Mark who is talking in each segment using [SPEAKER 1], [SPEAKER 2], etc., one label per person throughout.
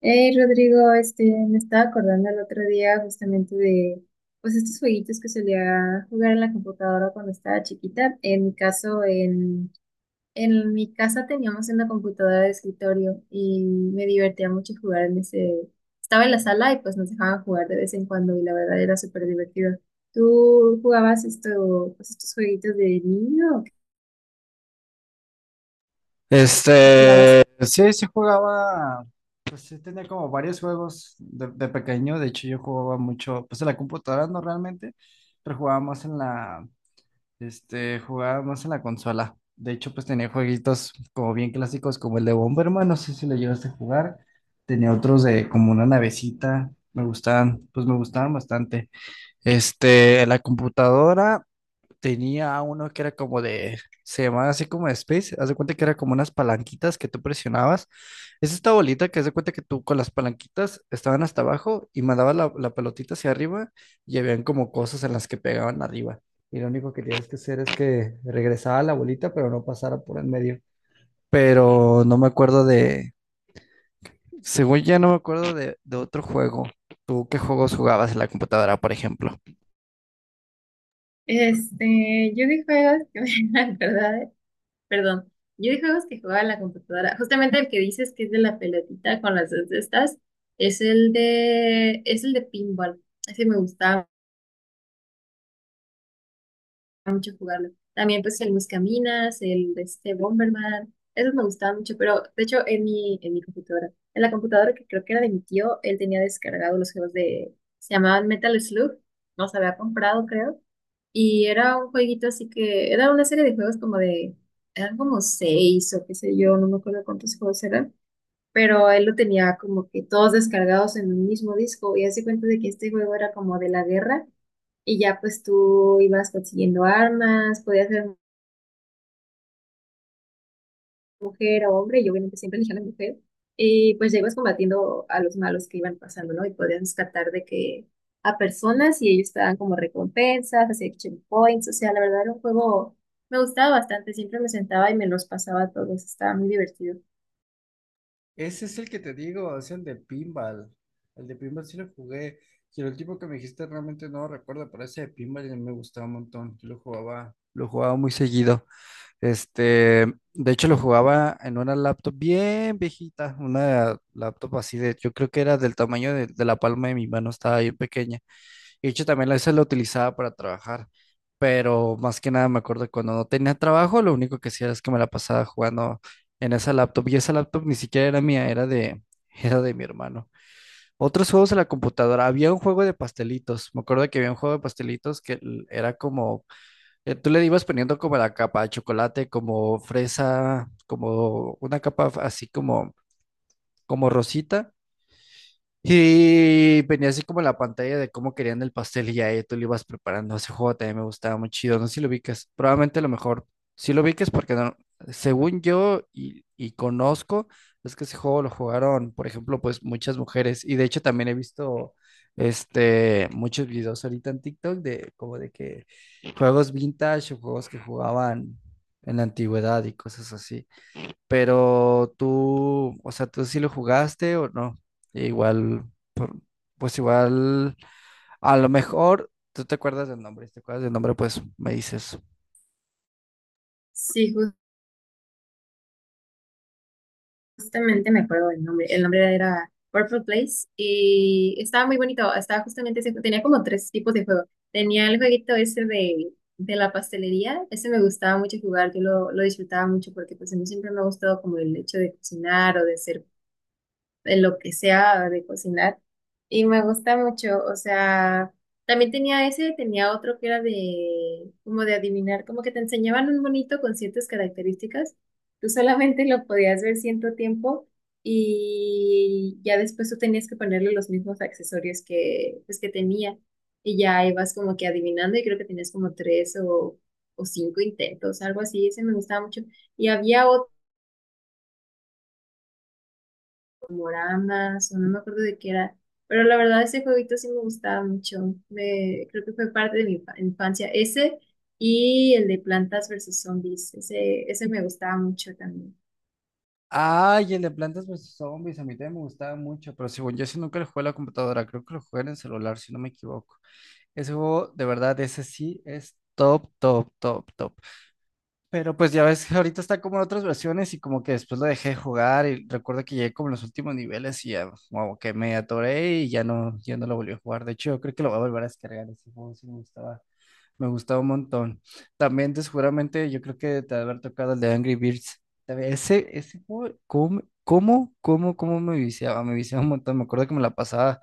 [SPEAKER 1] Hey Rodrigo, me estaba acordando el otro día justamente de pues estos jueguitos que solía jugar en la computadora cuando estaba chiquita. En mi caso, en mi casa teníamos una computadora de escritorio y me divertía mucho jugar en ese. Estaba en la sala y pues nos dejaban jugar de vez en cuando y la verdad era súper divertido. ¿Tú jugabas esto, pues estos jueguitos de niño o qué jugabas?
[SPEAKER 2] Sí, jugaba, pues sí tenía como varios juegos de pequeño, de hecho yo jugaba mucho, pues en la computadora no realmente, pero jugaba más jugaba más en la consola. De hecho, pues tenía jueguitos como bien clásicos como el de Bomberman, no sé si lo llegaste a jugar. Tenía otros de como una navecita, me gustaban, pues me gustaban bastante. En la computadora. Tenía uno que era como se llamaba así como de Space, haz de cuenta que era como unas palanquitas que tú presionabas. Es esta bolita que haz de cuenta que tú con las palanquitas estaban hasta abajo y mandabas la pelotita hacia arriba y habían como cosas en las que pegaban arriba. Y lo único que tienes que hacer es que regresaba la bolita, pero no pasara por en medio. Pero no me acuerdo de, según ya no me acuerdo de otro juego. ¿Tú qué juegos jugabas en la computadora, por ejemplo?
[SPEAKER 1] Yo de juegos que me acuerdo. Perdón, yo de juegos que jugaba en la computadora, justamente el que dices que es de la pelotita con las dos de estas, es el de pinball, ese me gustaba mucho jugarlo. También pues el Buscaminas, el de este Bomberman, esos me gustaban mucho, pero de hecho en mi computadora, en la computadora que creo que era de mi tío, él tenía descargado los juegos de, se llamaban Metal Slug, los había comprado creo. Y era un jueguito así que, era una serie de juegos como de, eran como seis o qué sé yo, no me acuerdo cuántos juegos eran, pero él lo tenía como que todos descargados en un mismo disco y hace cuenta de que este juego era como de la guerra y ya pues tú ibas consiguiendo armas, podías mujer a hombre y obviamente siempre elegían a la mujer. Y pues ya ibas combatiendo a los malos que iban pasando, ¿no? Y podías rescatar de que a personas y ellos te dan como recompensas, hacía action points, o sea, la verdad era un juego, me gustaba bastante, siempre me sentaba y me los pasaba a todos, estaba muy divertido.
[SPEAKER 2] Ese es el que te digo, es el de pinball. El de pinball sí lo jugué. Si el tipo que me dijiste realmente no lo recuerdo, pero ese de pinball ya me gustaba un montón. Yo lo jugaba muy seguido. Este, de hecho lo jugaba en una laptop bien viejita, una laptop así de, yo creo que era del tamaño de la palma de mi mano, estaba bien pequeña. Y de hecho, también a veces lo utilizaba para trabajar, pero más que nada me acuerdo que cuando no tenía trabajo, lo único que hacía es que me la pasaba jugando en esa laptop y esa laptop ni siquiera era mía, era de, era de mi hermano. Otros juegos en la computadora, había un juego de pastelitos, me acuerdo que había un juego de pastelitos era como, tú le ibas poniendo como la capa de chocolate, como fresa, como una capa así como, como rosita. Y venía así como la pantalla de cómo querían el pastel y ya ahí tú lo ibas preparando. Ese juego también me gustaba muy chido. No sé si lo ubiques. Probablemente a lo mejor. Si lo ubiques porque según yo y conozco, es que ese juego lo jugaron, por ejemplo, pues muchas mujeres. Y de hecho también he visto muchos videos ahorita en TikTok de como de que juegos vintage o juegos que jugaban en la antigüedad y cosas así. Pero tú, o sea, ¿tú sí lo jugaste o no? Igual pues igual, a lo mejor tú te acuerdas del nombre, si te acuerdas del nombre, pues me dices.
[SPEAKER 1] Sí, justamente me acuerdo del nombre. El nombre era Purple Place y estaba muy bonito. Estaba justamente ese, tenía como tres tipos de juego. Tenía el jueguito ese de la pastelería. Ese me gustaba mucho jugar. Yo lo disfrutaba mucho porque pues a mí siempre me ha gustado como el hecho de cocinar o de hacer en lo que sea de cocinar. Y me gusta mucho, o sea, también tenía ese, tenía otro que era de, como de adivinar, como que te enseñaban un bonito con ciertas características. Tú solamente lo podías ver cierto tiempo y ya después tú tenías que ponerle los mismos accesorios que, pues, que tenía. Y ya ibas como que adivinando y creo que tenías como tres o cinco intentos, algo así. Ese me gustaba mucho. Y había programas, o no me acuerdo de qué era. Pero la verdad, ese jueguito sí me gustaba mucho. Me, creo que fue parte de mi infancia. Ese y el de Plantas versus Zombies. Ese me gustaba mucho también.
[SPEAKER 2] Ay, el de Plantas versus Zombies, a mí también me gustaba mucho, pero según yo sí nunca lo jugué en la computadora, creo que lo jugué en el celular, si no me equivoco. Ese juego, de verdad, ese sí es top, top, top, top. Pero pues ya ves que ahorita está como en otras versiones y como que después lo dejé de jugar y recuerdo que llegué como en los últimos niveles y ya como que me atoré y ya no, ya no lo volví a jugar. De hecho, yo creo que lo voy a volver a descargar ese juego, sí me gustaba. Me gustaba un montón. También, seguramente, yo creo que te ha de haber tocado el de Angry Birds. También, ese juego, ¿cómo me viciaba? Me viciaba un montón. Me acuerdo que me la pasaba.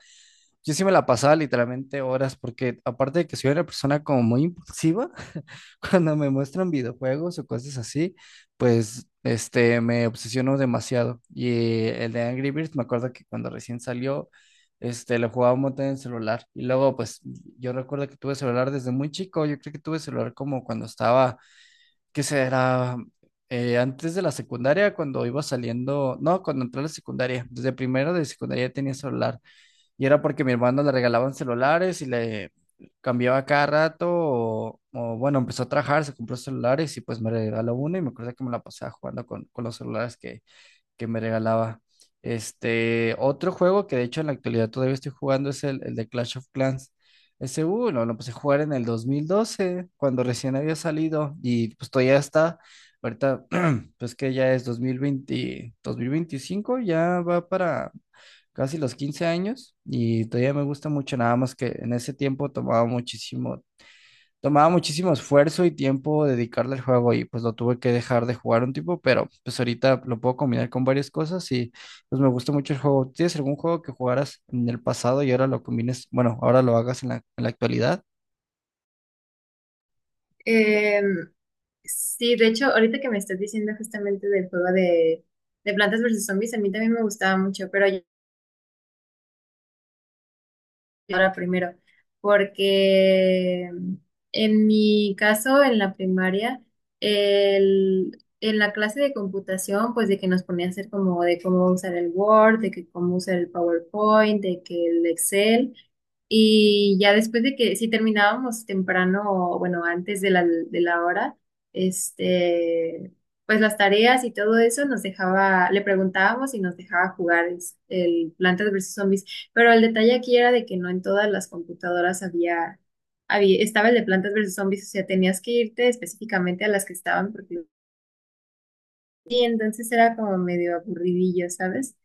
[SPEAKER 2] Yo sí me la pasaba literalmente horas, porque aparte de que soy una persona como muy impulsiva, cuando me muestran videojuegos o cosas así, pues me obsesiono demasiado. Y el de Angry Birds, me acuerdo que cuando recién salió, lo jugaba un montón en celular. Y luego, pues, yo recuerdo que tuve celular desde muy chico. Yo creo que tuve celular como cuando estaba, ¿qué será? Antes de la secundaria, cuando iba saliendo, no, cuando entré a la secundaria, desde primero de secundaria tenía celular. Y era porque mi hermano le regalaban celulares y le cambiaba cada rato. Bueno, empezó a trabajar, se compró celulares y pues me regaló uno. Y me acuerdo que me la pasaba jugando con los celulares que me regalaba. Otro juego que de hecho en la actualidad todavía estoy jugando es el de Clash of Clans. Ese, lo empecé a jugar en el 2012 cuando recién había salido, y pues todavía está, ahorita, pues que ya es 2020, 2025, ya va para casi los 15 años, y todavía me gusta mucho, nada más que en ese tiempo tomaba muchísimo tomaba muchísimo esfuerzo y tiempo dedicarle al juego y pues lo tuve que dejar de jugar un tiempo, pero pues ahorita lo puedo combinar con varias cosas y pues me gusta mucho el juego. ¿Tienes algún juego que jugaras en el pasado y ahora lo combines, bueno, ahora lo hagas en en la actualidad?
[SPEAKER 1] Em, sí, de hecho, ahorita que me estás diciendo justamente del juego de Plantas versus Zombies, a mí también me gustaba mucho, pero ahora primero, porque en mi caso, en la primaria, en la clase de computación, pues de que nos ponía a hacer como de cómo usar el Word, de que cómo usar el PowerPoint, de que el Excel, y ya después de que si terminábamos temprano, o bueno, antes de la hora, este, pues las tareas y todo eso nos dejaba, le preguntábamos y nos dejaba jugar el Plantas vs. Zombies, pero el detalle aquí era de que no en todas las computadoras había estaba el de Plantas versus Zombies, o sea, tenías que irte específicamente a las que estaban porque, y entonces era como medio aburridillo, ¿sabes?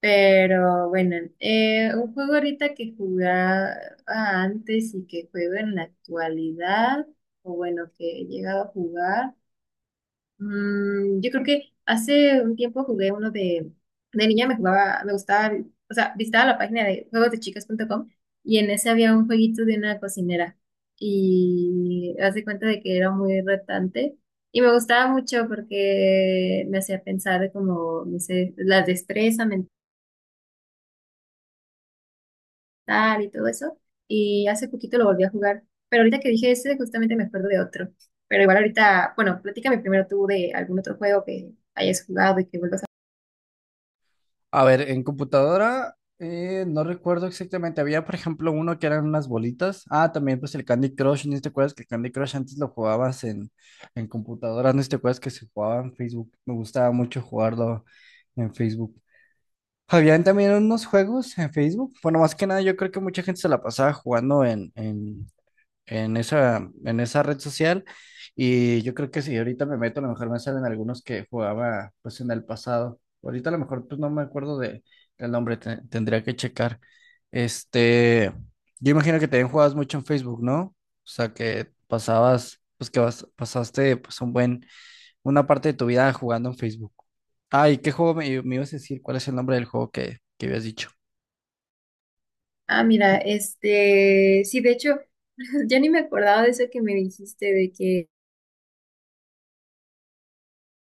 [SPEAKER 1] Pero bueno, un juego ahorita que jugaba antes y que juego en la actualidad, o bueno, que he llegado a jugar. Yo creo que hace un tiempo jugué uno de niña, me jugaba, me gustaba, o sea, visitaba la página de juegosdechicas.com y en ese había un jueguito de una cocinera y hace cuenta de que era muy retante y me gustaba mucho porque me hacía pensar de como, no sé, la destreza mental y todo eso, y hace poquito lo volví a jugar, pero ahorita que dije ese justamente me acuerdo de otro, pero igual ahorita, bueno, platícame primero tú de algún otro juego que hayas jugado y que vuelvas.
[SPEAKER 2] A ver, en computadora no recuerdo exactamente. Había, por ejemplo, uno que eran unas bolitas. Ah, también pues el Candy Crush. ¿No te acuerdas que el Candy Crush antes lo jugabas en computadora? ¿No te acuerdas que se jugaba en Facebook? Me gustaba mucho jugarlo en Facebook. Habían también unos juegos en Facebook. Bueno, más que nada, yo creo que mucha gente se la pasaba jugando en en esa red social. Y yo creo que si ahorita me meto, a lo mejor me salen algunos que jugaba pues en el pasado. Ahorita a lo mejor pues no me acuerdo de, del nombre, tendría que checar. Este, yo imagino que también jugabas mucho en Facebook, ¿no? O sea, que pasabas, pues que vas, pasaste pues un buen una parte de tu vida jugando en Facebook. Ay, ¿qué juego me ibas a decir? ¿Cuál es el nombre del juego que habías dicho?
[SPEAKER 1] Ah, mira, sí, de hecho, ya ni me acordaba de eso que me dijiste, de que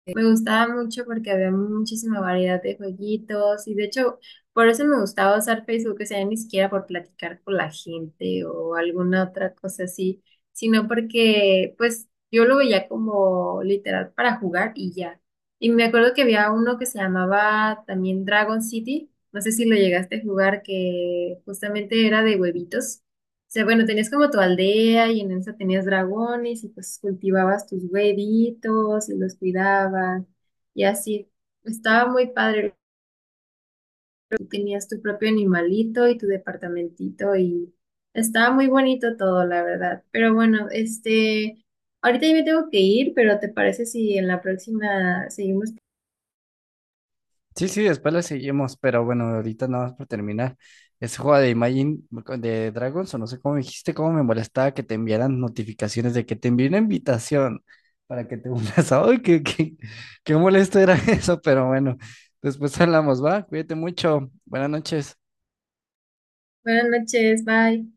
[SPEAKER 1] me gustaba mucho porque había muchísima variedad de jueguitos y de hecho, por eso me gustaba usar Facebook, o sea, ni siquiera por platicar con la gente o alguna otra cosa así, sino porque, pues, yo lo veía como literal para jugar y ya. Y me acuerdo que había uno que se llamaba también Dragon City, no sé si lo llegaste a jugar, que justamente era de huevitos. O sea, bueno, tenías como tu aldea y en esa tenías dragones y pues cultivabas tus huevitos y los cuidabas y así. Estaba muy padre. Tú tenías tu propio animalito y tu departamentito y estaba muy bonito todo, la verdad. Pero bueno, ahorita yo me tengo que ir, pero ¿te parece si en la próxima seguimos?
[SPEAKER 2] Sí, sí, después le seguimos, pero bueno, ahorita nada más para terminar. Ese juego de Imagine de Dragons, o no sé cómo me dijiste, cómo me molestaba que te enviaran notificaciones de que te envié una invitación para que te unas. Ay, qué molesto era eso, pero bueno, después hablamos, ¿va? Cuídate mucho. Buenas noches.
[SPEAKER 1] Buenas noches, bye.